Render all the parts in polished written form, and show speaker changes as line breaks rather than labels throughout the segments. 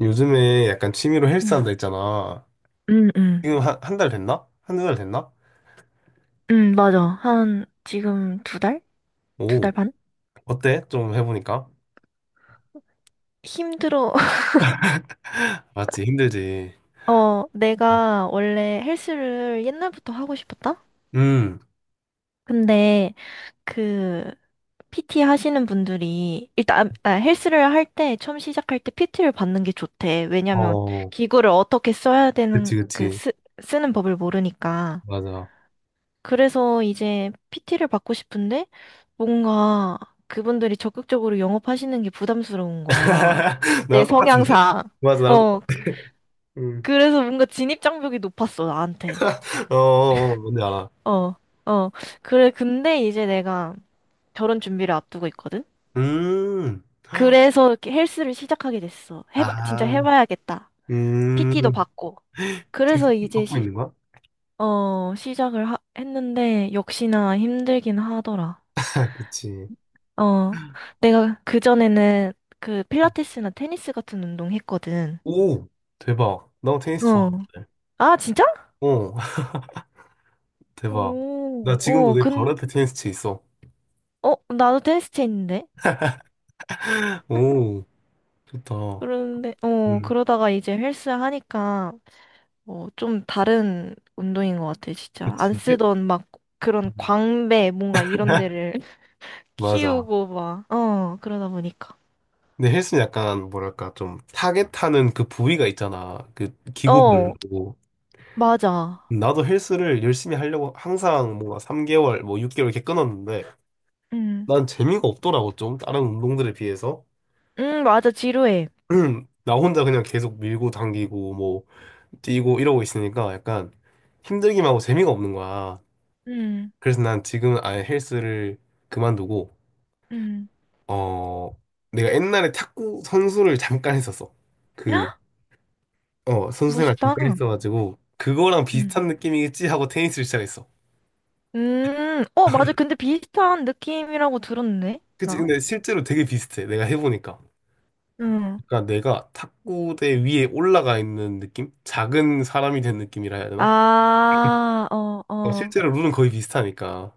요즘에 약간 취미로 헬스
응,
한다 했잖아.
응, 응.
지금 한, 한 달 됐나? 한두 달 됐나?
응, 맞아. 한, 지금 두 달? 두 달
오,
반?
어때? 좀 해보니까.
힘들어.
맞지, 힘들지.
내가 원래 헬스를 옛날부터 하고 싶었다?
음,
근데, 그, PT 하시는 분들이, 일단, 헬스를 할 때, 처음 시작할 때 PT를 받는 게 좋대. 왜냐면,
어,
기구를 어떻게 써야 되는,
그치, 그치.
쓰는 법을 모르니까.
맞아.
그래서 이제 PT를 받고 싶은데 뭔가 그분들이 적극적으로 영업하시는 게 부담스러운 거야. 내
나랑 똑같은데?
성향상.
맞아,
어, 그-
음.
그래서 뭔가 진입 장벽이 높았어, 나한테.
어, 어, 어, 어, 뭔지 알아.
어, 어. 그래, 근데 이제 내가 결혼 준비를 앞두고 있거든?
음,
그래서 이렇게 헬스를 시작하게 됐어. 해봐, 진짜
아,
해봐야겠다. PT도
음,
받고.
지금
그래서
PT
이제
받고 있는 거야?
시작을 했는데, 역시나 힘들긴 하더라.
그치.
어, 내가 그전에는 그 필라테스나 테니스 같은 운동 했거든.
오, 대박. 나 테니스
어.
좋아하는데.
아, 진짜?
어, 대박. 나
오,
지금도 내 바로 옆에 테니스채 있어.
나도 테니스 채인데?
오. 좋다.
그런데,
음,
그러다가 이제 헬스 하니까, 좀 다른 운동인 것 같아, 진짜. 안
그치.
쓰던 막 그런
음,
광배, 뭔가 이런 데를
맞아.
키우고 막, 그러다 보니까.
근데 헬스는 약간, 뭐랄까, 좀, 타겟하는 그 부위가 있잖아. 그,
어,
기구별로.
맞아.
나도 헬스를 열심히 하려고 항상 뭔가 3개월, 뭐 6개월 이렇게 끊었는데,
응,
난 재미가 없더라고, 좀. 다른 운동들에 비해서.
응, 맞아, 지루해.
나 혼자 그냥 계속 밀고 당기고, 뭐, 뛰고 이러고 있으니까 약간 힘들기만 하고 재미가 없는 거야.
응,
그래서 난 지금은 아예 헬스를 그만두고,
응.
어, 내가 옛날에 탁구 선수를 잠깐 했었어. 그, 어, 선수 생활
멋있다.
잠깐 했어가지고, 그거랑 비슷한
응.
느낌이겠지 하고 테니스를 시작했어.
맞아. 근데 비슷한 느낌이라고 들었네,
그치?
나.
근데 실제로 되게 비슷해. 내가 해보니까.
응.
그러니까 내가 탁구대 위에 올라가 있는 느낌? 작은 사람이 된 느낌이라 해야 되나?
아, 어,
어,
어,
실제로 룰은 거의 비슷하니까.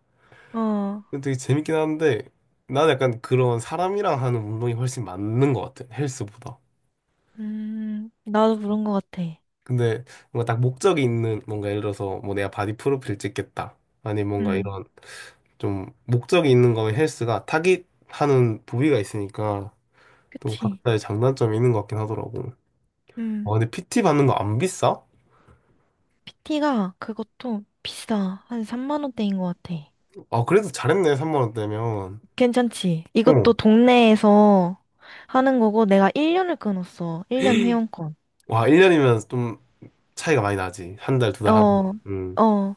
어.
근데 되게 재밌긴 한데, 나는 약간 그런 사람이랑 하는 운동이 훨씬 맞는 것 같아. 헬스보다.
나도 그런 것 같아.
근데 뭔가 딱 목적이 있는, 뭔가 예를 들어서 뭐 내가 바디 프로필 찍겠다. 아니 뭔가
음,
이런 좀 목적이 있는 거면 헬스가 타깃하는 부위가 있으니까 또
그치.
각자의 장단점이 있는 것 같긴 하더라고. 아,
음,
근데 PT 받는 거 안 비싸?
PT가 그것도 비싸. 한 3만 원대인 것 같아.
아, 그래도 잘했네, 3만 원대면.
괜찮지?
어.
이것도 동네에서 하는 거고, 내가 1년을 끊었어. 1년 회원권.
와, 1년이면 좀 차이가 많이 나지. 한 달, 두 달 하면.
어,
음.
어.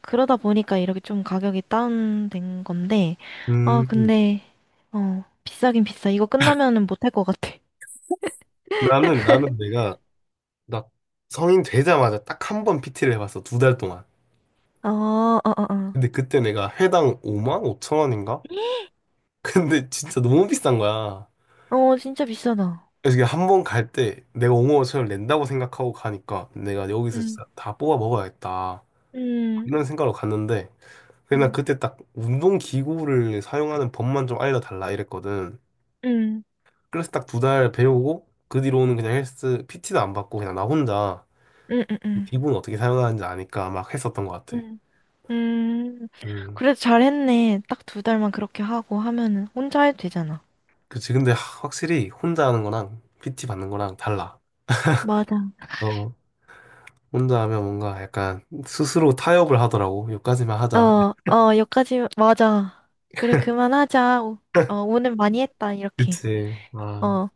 그러다 보니까 이렇게 좀 가격이 다운된 건데,
음.
근데, 비싸긴 비싸. 이거 끝나면은 못할 것 같아.
나는 내가, 나 성인 되자마자 딱 한 번 PT를 해봤어. 2달 동안.
어, 어, 어, 어.
근데 그때 내가 회당 5만 5천 원인가? 근데 진짜 너무 비싼 거야.
진짜 비싸다.
그래서 이게 한 번 갈 때 내가 옹호 5천을 낸다고 생각하고 가니까 내가 여기서
음,
진짜 다 뽑아 먹어야겠다.
음,
이런 생각으로 갔는데 그냥
음,
그때 딱 운동 기구를 사용하는 법만 좀 알려달라 이랬거든.
음,
그래서 딱 2달 배우고 그 뒤로는 그냥 헬스 PT도 안 받고 그냥 나 혼자
음, 음,
그
음.
기구는 어떻게 사용하는지 아니까 막 했었던 것 같아.
음, 음.
음,
그래도 잘했네. 딱 두 달만 그렇게 하고 하면은 혼자 해도 되잖아.
그치. 근데 확실히 혼자 하는 거랑 PT 받는 거랑 달라.
맞아.
어, 혼자 하면 뭔가 약간 스스로 타협을 하더라고. 여기까지만 하자.
어, 어, 여기까지, 맞아. 그래, 그만하자. 오늘 많이 했다, 이렇게.
그치. 아.
어.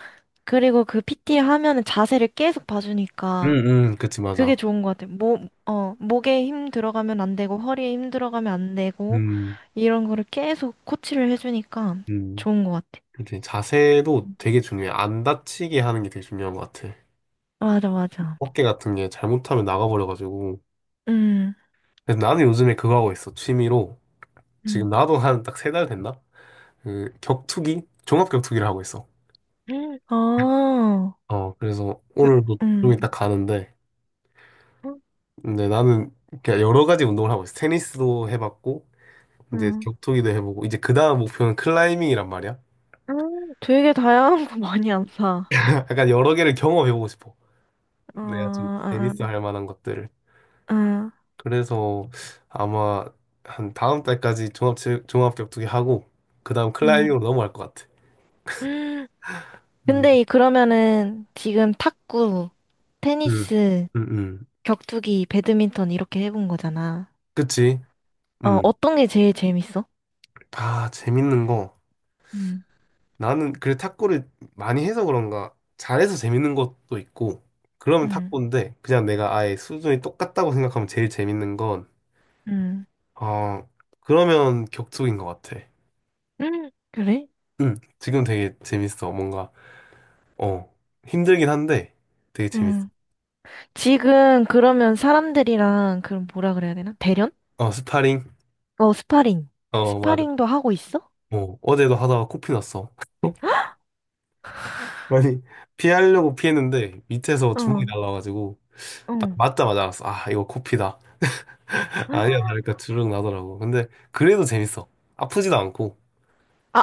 그리고 그 PT 하면은 자세를 계속 봐주니까
음, 그치, 맞아.
그게 좋은 것 같아. 목에 힘 들어가면 안 되고, 허리에 힘 들어가면 안 되고,
음,
이런 거를 계속 코치를 해주니까
음.
좋은 것 같아.
그치, 자세도 되게 중요해. 안 다치게 하는 게 되게 중요한 것 같아.
맞아, 맞아.
어깨 같은 게 잘못하면 나가버려가지고.
음,
그래서 나는 요즘에 그거 하고 있어. 취미로. 지금
음,
나도 한 딱 3달 됐나? 그, 격투기? 종합 격투기를 하고 있어.
아,
어, 그래서 오늘도 좀
음,
이따 가는데.
음,
근데 나는 그냥 여러 가지 운동을 하고 있어. 테니스도 해봤고, 이제
음,
격투기도 해보고, 이제 그 다음 목표는 클라이밍이란 말이야.
되게 다양한 거 많이 안 사.
약간 여러 개를 경험해보고 싶어.
어,
내가 좀
아,
재밌어 할 만한 것들을.
아, 아,
그래서 아마 한 다음 달까지 종합 격투기 하고 그다음
음.
클라이밍으로 넘어갈 것 같아. 음,
근데 그러면은 지금 탁구,
음,
테니스,
음, 음.
격투기, 배드민턴 이렇게 해본 거잖아.
그치? 음.
어떤 게 제일 재밌어?
아, 재밌는 거.
응,
나는 그래 탁구를 많이 해서 그런가 잘해서 재밌는 것도 있고 그러면
응,
탁구인데 그냥 내가 아예 수준이 똑같다고 생각하면 제일 재밌는 건
응,
어, 그러면 격투기인 것 같아.
응. 그래?
응. 지금 되게 재밌어. 뭔가 어, 힘들긴 한데 되게 재밌어.
응, 지금 그러면 사람들이랑 그럼 뭐라 그래야 되나? 대련?
어, 스파링.
어, 스파링.
어, 맞아.
스파링도 하고 있어?
뭐 어제도 하다가 코피 났어. 아니, 피하려고 피했는데 밑에서 주먹이
응,
날라가지고 딱
응.
맞자마자 알았어. 아, 이거 코피다. 아니야,
아,
그러니까 주르륵 나더라고. 근데 그래도 재밌어. 아프지도 않고.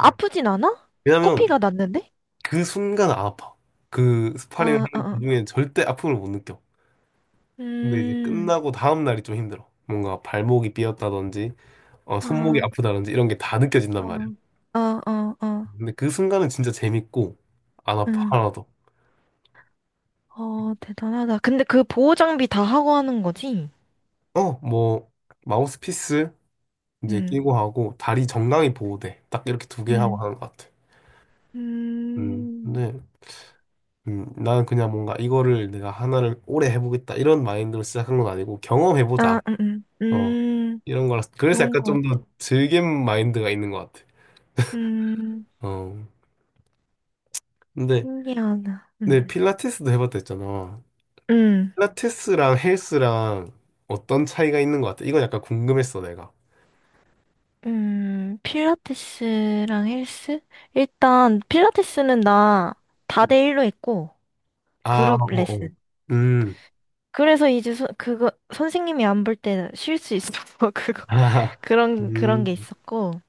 이게
않아?
왜냐면
코피가 났는데?
그 순간 안 아파. 그 스파링 하는
아, 아, 아,
도중에 절대 아픔을 못 느껴. 근데 이제
음,
끝나고 다음 날이 좀 힘들어. 뭔가 발목이 삐었다든지 어, 손목이
아,
아프다든지 이런 게 다 느껴진단
어,
말이야.
어, 어, 어.
근데 그 순간은 진짜 재밌고 안 아파
응.
하나도.
대단하다. 근데 그 보호 장비 다 하고 하는 거지?
어, 뭐 마우스피스 이제 끼고
응
하고 다리 정강이 보호대 딱 이렇게 두 개 하고
응
하는 것 같아.
음,
근데 나는 그냥 뭔가 이거를 내가 하나를 오래 해보겠다 이런 마인드로 시작한 건 아니고 경험해보자.
아,
어,
음.
이런 거라 그래서
좋은
약간
것
좀
같아.
더 즐김 마인드가 있는 것 같아.
음,
어, 근데
신기하다.
근데 필라테스도 해봤다 했잖아.
음,
필라테스랑 헬스랑 어떤 차이가 있는 것 같아? 이건 약간 궁금했어 내가.
필라테스랑 헬스? 일단, 필라테스는 나 다
음.
대일로 했고,
아,
그룹
어, 어.
레슨.
음,
그래서 이제 그거, 선생님이 안 볼 때 쉴 수 있어. 그거,
아,
그런 게
음,
있었고.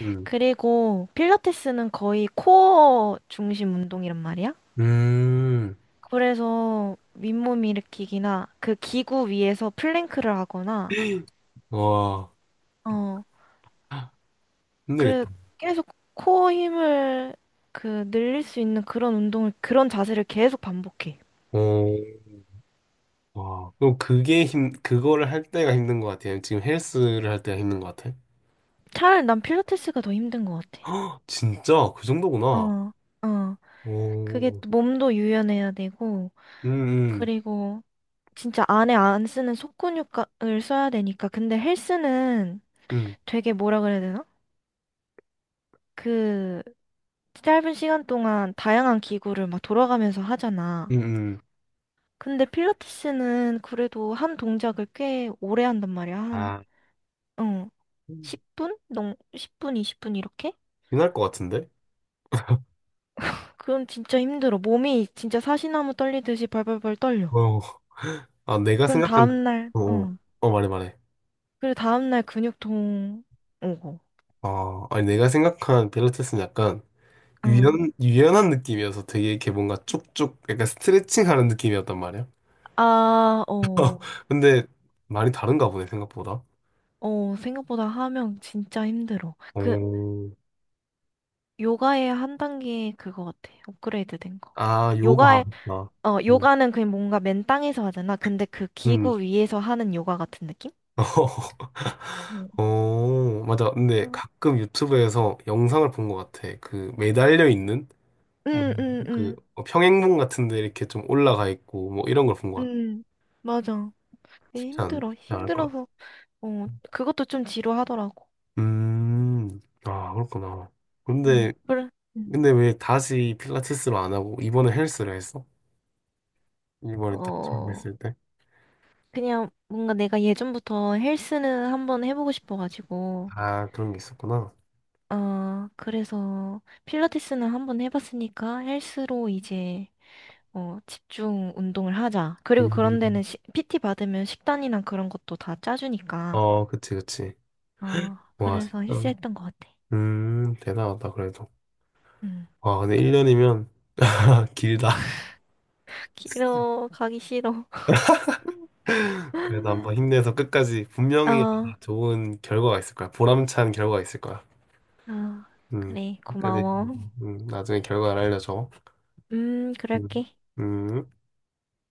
음,
그리고 필라테스는 거의 코어 중심 운동이란 말이야.
음,
그래서 윗몸 일으키기나 그 기구 위에서 플랭크를 하거나
와.
어 그래
힘들겠다.
계속 코어 힘을 늘릴 수 있는 그런 운동을 그런 자세를 계속 반복해.
어, 와, 그럼 그게 힘, 그거를 할 때가 힘든 것 같아요. 지금 헬스를 할 때가 힘든 것 같아요.
차라리 난 필라테스가 더 힘든 것 같아.
헉, 진짜 그 정도구나.
어, 어. 그게
오,
또 몸도 유연해야 되고,
음, 음,
그리고 진짜 안에 안 쓰는 속근육을 써야 되니까. 근데 헬스는
음,
되게 뭐라 그래야 되나? 그 짧은 시간 동안 다양한 기구를 막 돌아가면서
음,
하잖아.
음.
근데 필라테스는 그래도 한 동작을 꽤 오래 한단 말이야. 한,
아,
어, 10분? 10분, 20분 이렇게?
빛날 것 같은데?
그럼 진짜 힘들어. 몸이 진짜 사시나무 떨리듯이 벌벌벌 떨려.
어, 아, 내가
그럼
생각한,
다음날,
어,
어.
어, 말해, 말해.
그리고 다음날 근육통 오고.
아, 아니, 내가 생각한 필라테스는 약간
어.
유연, 유연한 느낌이어서 되게 이렇게 뭔가 쭉쭉 약간 스트레칭 하는 느낌이었단 말이야.
아, 어.
근데 많이 다른가 보네, 생각보다.
생각보다 하면 진짜 힘들어.
어,
요가의 한 단계 그거 같아. 업그레이드 된 거.
아, 요가.
요가의
아, 음.
요가는 그냥 뭔가 맨 땅에서 하잖아. 근데 그
음.
기구 위에서 하는 요가 같은 느낌? 네.
어, 맞아. 근데
응,
가끔 유튜브에서 영상을 본 것 같아. 그 매달려 있는 뭐,
응, 응,
그
응,
평행봉 같은 데 이렇게 좀 올라가 있고 뭐 이런 걸 본 것 같아.
응. 맞아. 그게 힘들어.
쉽지 않을 것 같아.
힘들어서, 그것도 좀 지루하더라고.
음. 아, 그렇구나.
응,
근데
그래. 음.
근데 왜 다시 필라테스로 안 하고 이번에 헬스를 했어? 이번에 딱 처음
어,
했을 때?
그냥 뭔가 내가 예전부터 헬스는 한번 해보고 싶어가지고,
아, 그런 게 있었구나.
그래서 필라테스는 한번 해봤으니까 헬스로 이제 집중 운동을 하자. 그리고 그런 데는
음.
PT 받으면 식단이나 그런 것도 다 짜주니까.
어, 그치, 그치.
아,
와,
그래서
진짜.
힐스했던 것 같아.
대단하다, 그래도.
응.
아, 근데 1년이면 길다.
싫어, 가기 싫어.
그래도 한번 힘내서 끝까지 분명히
아,
좋은 결과가 있을 거야. 보람찬 결과가 있을 거야.
아,
음,
그래,
끝까지
고마워.
나중에 결과를 알려줘. 음.
그럴게.
음.